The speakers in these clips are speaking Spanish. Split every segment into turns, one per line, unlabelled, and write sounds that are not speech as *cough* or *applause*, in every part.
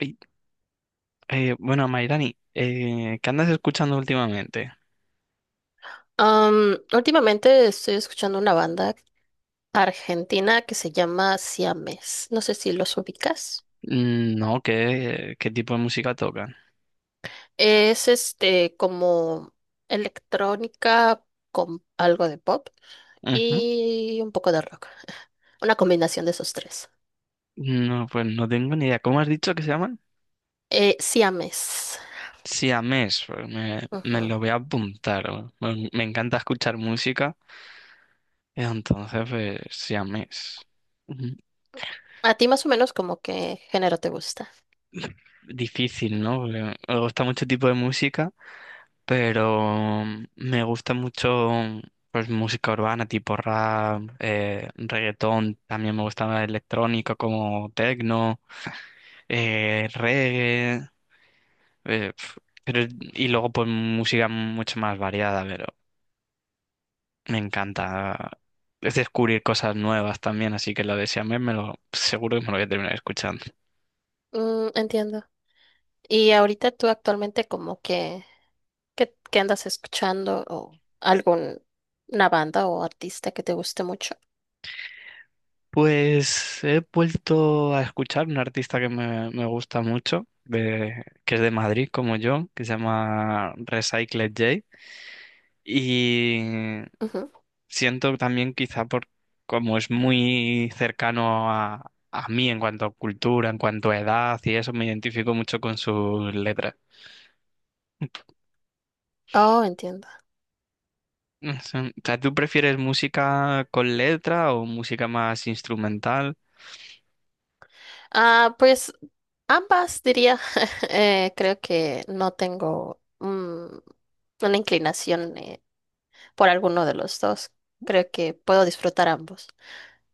Y, bueno, Mairani, ¿qué andas escuchando últimamente?
Últimamente estoy escuchando una banda argentina que se llama Siames. No sé si los ubicas.
Mm, no, ¿qué tipo de música tocan?
Es este como electrónica con algo de pop
Ujú.
y un poco de rock. Una combinación de esos tres.
No, pues no tengo ni idea. ¿Cómo has dicho que se llaman?
Siames.
Siamés, pues me
Ujú.
lo voy a apuntar. Me encanta escuchar música, entonces pues siamés. Ujú.
A ti más o menos como qué género te gusta.
Difícil, ¿no? Porque me gusta mucho tipo de música, pero me gusta mucho pues música urbana tipo rap, reggaetón, también me gusta la electrónica como techno, reggae, eh, pf, pero, y luego pues música mucho más variada, pero me encanta es descubrir cosas nuevas también, así que lo de Siamés me lo seguro que me lo voy a terminar escuchando.
Entiendo. Y ahorita tú actualmente como que, qué andas escuchando? ¿O algún una banda o artista que te guste mucho?
Pues he vuelto a escuchar un artista que me gusta mucho, que es de Madrid como yo, que se llama Recycled J. Y
Ujú.
siento también quizá por como es muy cercano a mí en cuanto a cultura, en cuanto a edad y eso, me identifico mucho con sus letras.
Oh, entiendo.
No sé, o sea, ¿tú prefieres música con letra o música más instrumental?
Ah, pues ambas diría. *laughs* Creo que no tengo, una inclinación, por alguno de los dos. Creo que puedo disfrutar ambos.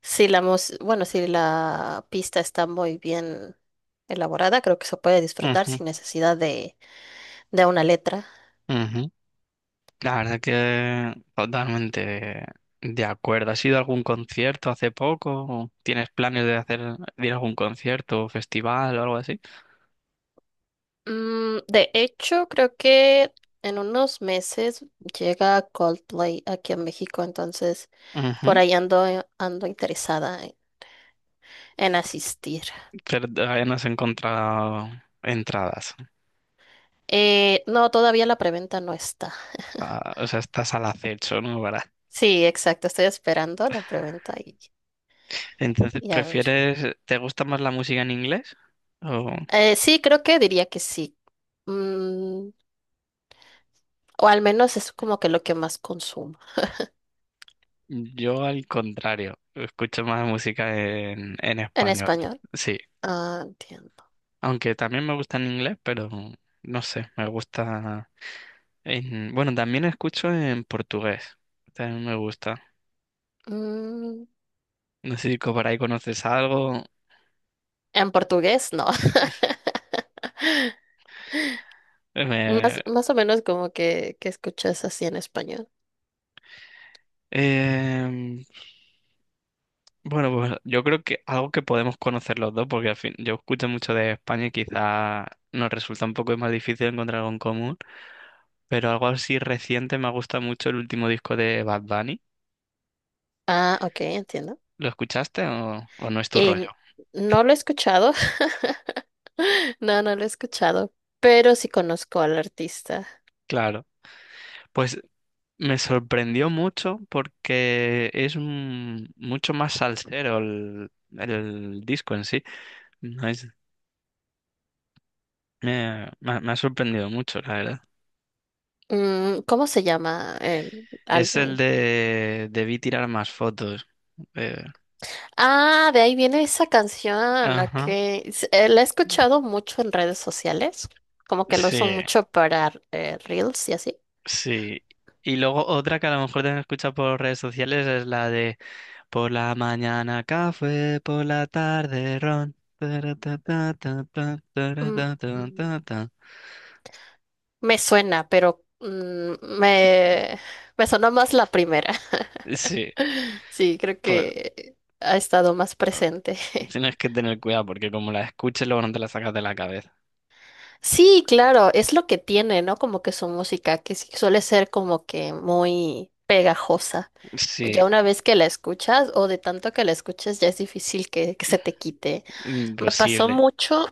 Bueno, si la pista está muy bien elaborada, creo que se puede disfrutar
Ujú,
sin necesidad de una letra.
ujú. La verdad que totalmente de acuerdo. ¿Has ido a algún concierto hace poco? ¿O tienes planes de hacer de ir a algún concierto o festival o algo así?
De hecho, creo que en unos meses llega Coldplay aquí a México, entonces por
Ujú.
ahí ando interesada en asistir.
Pero todavía no has encontrado entradas.
No, todavía la preventa no está.
Ah, o sea, estás al acecho, ¿no? Para...
Sí, exacto, estoy esperando la preventa y,
*laughs* Entonces,
y a ver.
¿prefieres, te gusta más la música en inglés? O
Sí, creo que diría que sí. Mm, o al menos es como que lo que más consumo.
yo al contrario, escucho más música en
En
español.
español.
Sí,
Ah, entiendo.
aunque también me gusta en inglés, pero no sé, me gusta. Bueno, también escucho en portugués. También me gusta.
Mm,
No sé si por ahí conoces algo.
en portugués, no.
Sí.
*laughs*
Me-
Más o menos como que escuchas así en español.
em, bueno, pues yo creo que algo que podemos conocer los dos, porque al fin yo escucho mucho de España y quizá nos resulta un poco más difícil encontrar algo en común, pero algo así reciente me gusta mucho el último disco de Bad Bunny.
Ah, ok, entiendo.
¿Lo escuchaste o no es tu rollo?
En- no lo he escuchado. *laughs* No, no lo he escuchado, pero sí conozco al artista.
Claro. Pues me sorprendió mucho porque es mucho más salsero el disco en sí. No es, me ha sorprendido mucho, la verdad.
¿Cómo se llama el
Es el
álbum?
de Debí tirar más fotos. Eh,
Ah, de ahí viene esa canción. Ok.
ajá,
La he escuchado mucho en redes sociales, como que lo usan
sí,
mucho para reels y así.
sí. Y luego otra que a lo mejor te han escuchado por redes sociales es la de "Por la mañana café, por la tarde ron. Taratatatata,
Mm, mm,
taratatatata".
Me suena, pero me, me sonó más la primera.
Sí,
Sí, creo
pues.
que ha estado más presente.
*laughs*
*laughs*
Tienes que tener cuidado porque como la escuches luego no te la sacas de la cabeza.
Sí, claro, es lo que tiene, ¿no? Como que su música, que sí suele ser como que muy pegajosa.
Sí,
Ya una vez que la escuchas o de tanto que la escuches, ya es difícil que se te quite. Me pasó
imposible.
mucho,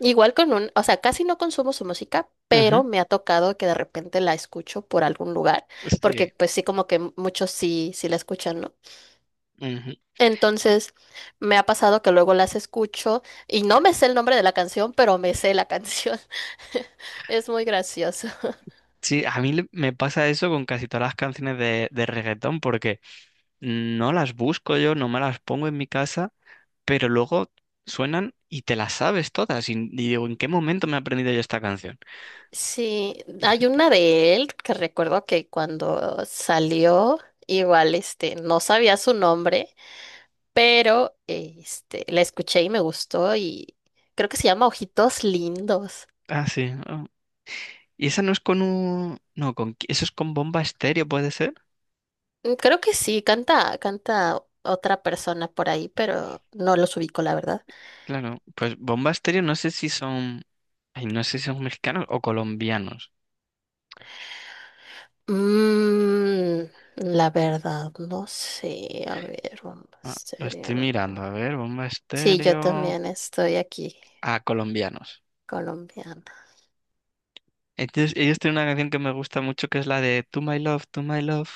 igual con un, o sea, casi no consumo su música, pero
Ujú,
me ha tocado que de repente la escucho por algún lugar, porque
sí,
pues sí, como que muchos sí la escuchan, ¿no?
ujú.
Entonces, me ha pasado que luego las escucho y no me sé el nombre de la canción, pero me sé la canción. *laughs* Es muy gracioso.
Sí, a mí me pasa eso con casi todas las canciones de reggaetón porque no las busco yo, no me las pongo en mi casa, pero luego suenan y te las sabes todas. Y digo, ¿en qué momento me he aprendido yo esta canción?
Sí, hay una de él que recuerdo que cuando salió, igual este, no sabía su nombre, pero este, la escuché y me gustó y creo que se llama Ojitos Lindos.
Ah, sí, ah. Y esa no es con un... No, con... ¿Eso es con Bomba Estéreo, puede ser?
Creo que sí, canta otra persona por ahí, pero no los ubico, la verdad.
Claro, pues Bomba Estéreo no sé si son, ay, no sé si son mexicanos o colombianos.
Mm, la verdad, no sé. A ver, vamos
Ah, lo estoy
serio.
mirando, a ver, Bomba
Sí, yo
Estéreo,
también estoy aquí,
ah, colombianos.
colombiana.
Entonces, ellos tienen una canción que me gusta mucho que es la de To My Love, To My Love.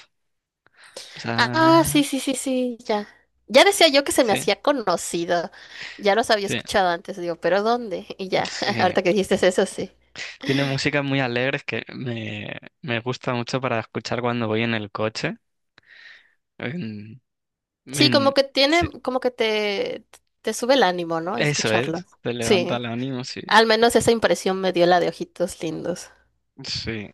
O
Ah, sí,
sea,
sí, sí, sí, ya. Ya decía yo que se me
sí,
hacía conocido. Ya los había
sí,
escuchado antes, digo, pero ¿dónde? Y ya, *laughs*
sí.
ahorita que dijiste eso, sí.
Tiene músicas muy alegres que me gusta mucho para escuchar cuando voy en el coche. En-
Sí,
en-
como que tiene,
sí,
como que te sube el ánimo, ¿no?
eso
Escucharlo.
es, te levanta el
Sí,
ánimo, sí,
al menos esa impresión me dio la de ojitos lindos.
sí.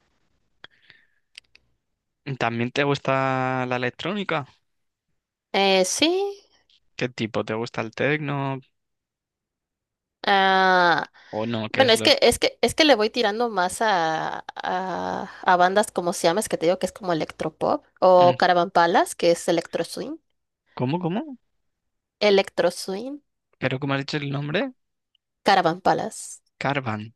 ¿También te gusta la electrónica?
Sí.
¿Qué tipo? ¿Te gusta el techno
Ah,
o no? ¿Qué
bueno,
es
es
lo...?
que, es que, es que le voy tirando más a bandas como Siames, que te digo que es como electropop,
Mm,
o Caravan Palace, que es electro swing,
¿cómo, cómo?
electro swing,
Creo que me has dicho el nombre.
Caravan Palace,
Caravan.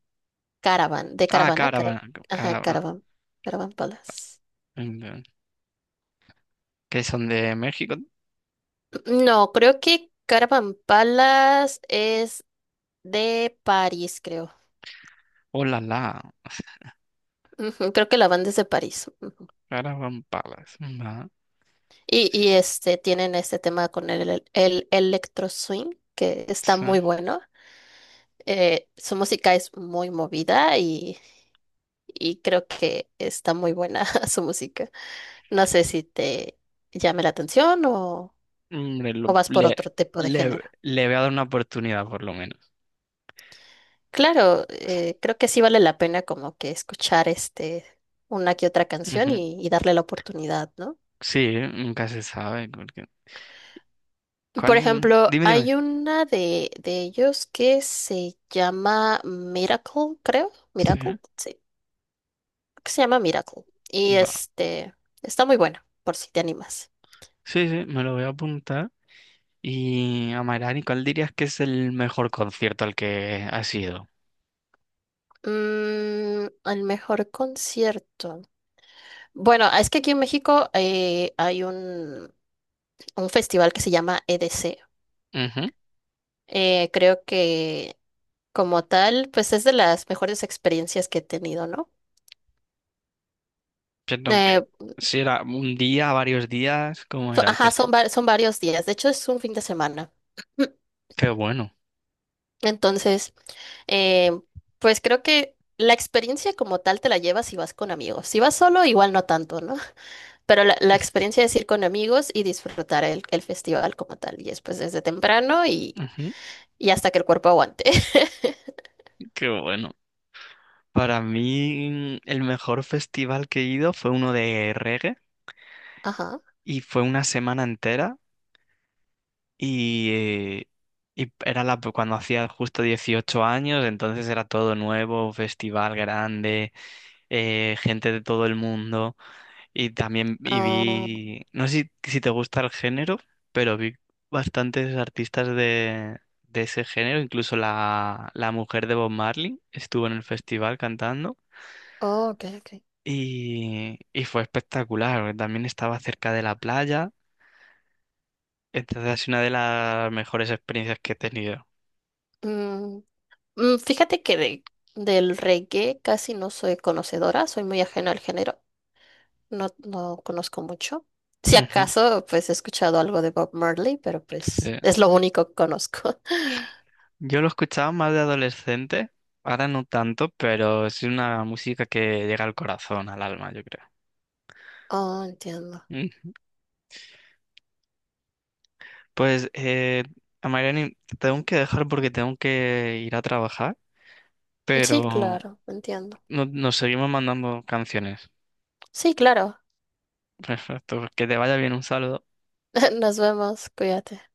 Caravan, de
Ah,
Caravana,
Caravan.
ajá,
Caravan.
Caravan, Caravan Palace.
Mm, ¿que son de México?
No, creo que Caravan Palace es de París, creo.
Hola, la, la. *laughs*
Ujú, creo que la banda es de París. Ujú.
Caravan Palace. Va,
Y,
sí,
y este, tienen este tema con el electro swing, que está
sí.
muy bueno. Su música es muy movida y creo que está muy buena *laughs* su música. No sé si te llame la atención o,
Hombre,
o vas por otro tipo de
le,
género.
le voy a dar una oportunidad por lo menos.
Claro, creo que sí vale la pena como que escuchar este una que otra canción
Ujú.
y darle la oportunidad, ¿no?
Sí, nunca se sabe,
Por
¿cuál?
ejemplo,
Dime, dime.
hay una de ellos que se llama Miracle, creo.
Sí,
Miracle, sí, creo que se llama Miracle. Y
va.
este está muy buena, por si te animas.
Sí, sí, me lo voy a apuntar. Y Amairani, ¿cuál dirías que es el mejor concierto al que has ido?
El mejor concierto. Bueno, es que aquí en México, hay un festival que se llama EDC.
Ujú.
Creo que como tal, pues es de las mejores experiencias que he tenido, ¿no?
Siento
Eh,
que si era un día, varios días, ¿cómo era el
ajá,
festival?
son varios días. De hecho, es un fin de semana.
Qué bueno.
*clears throat* Entonces, eh, pues creo que la experiencia como tal te la llevas si vas con amigos. Si vas solo, igual no tanto, ¿no? Pero la experiencia es ir con amigos y disfrutar el festival como tal. Y después desde temprano y,
Ujú,
y hasta que el cuerpo aguante. *laughs*
qué bueno. Para mí, el mejor festival que he ido fue uno de reggae
Ajá.
y fue una semana entera y, eh, y era cuando hacía justo 18 años, entonces era todo nuevo, festival grande, gente de todo el mundo. Y también y
Ah,
vi, no sé si te gusta el género, pero vi bastantes artistas de ese género, incluso la mujer de Bob Marley estuvo en el festival cantando
oh, ok, ok.
y fue espectacular, porque también estaba cerca de la playa, entonces es una de las mejores experiencias que he tenido.
Mm, Fíjate que del reggae casi no soy conocedora, soy muy ajena al género, no, no conozco mucho. Si
Ujú,
acaso, pues he escuchado algo de Bob Marley, pero pues
sí.
es lo único que conozco. *laughs*
Yo lo escuchaba más de adolescente, ahora no tanto, pero es una música que llega al corazón, al alma, yo
Oh, entiendo.
creo. Pues, a Mariani, te tengo que dejar porque tengo que ir a trabajar,
Sí,
pero
claro, entiendo.
nos seguimos mandando canciones.
Sí, claro.
*laughs* Perfecto, que te vaya bien, un saludo.
*laughs* Nos vemos, cuídate.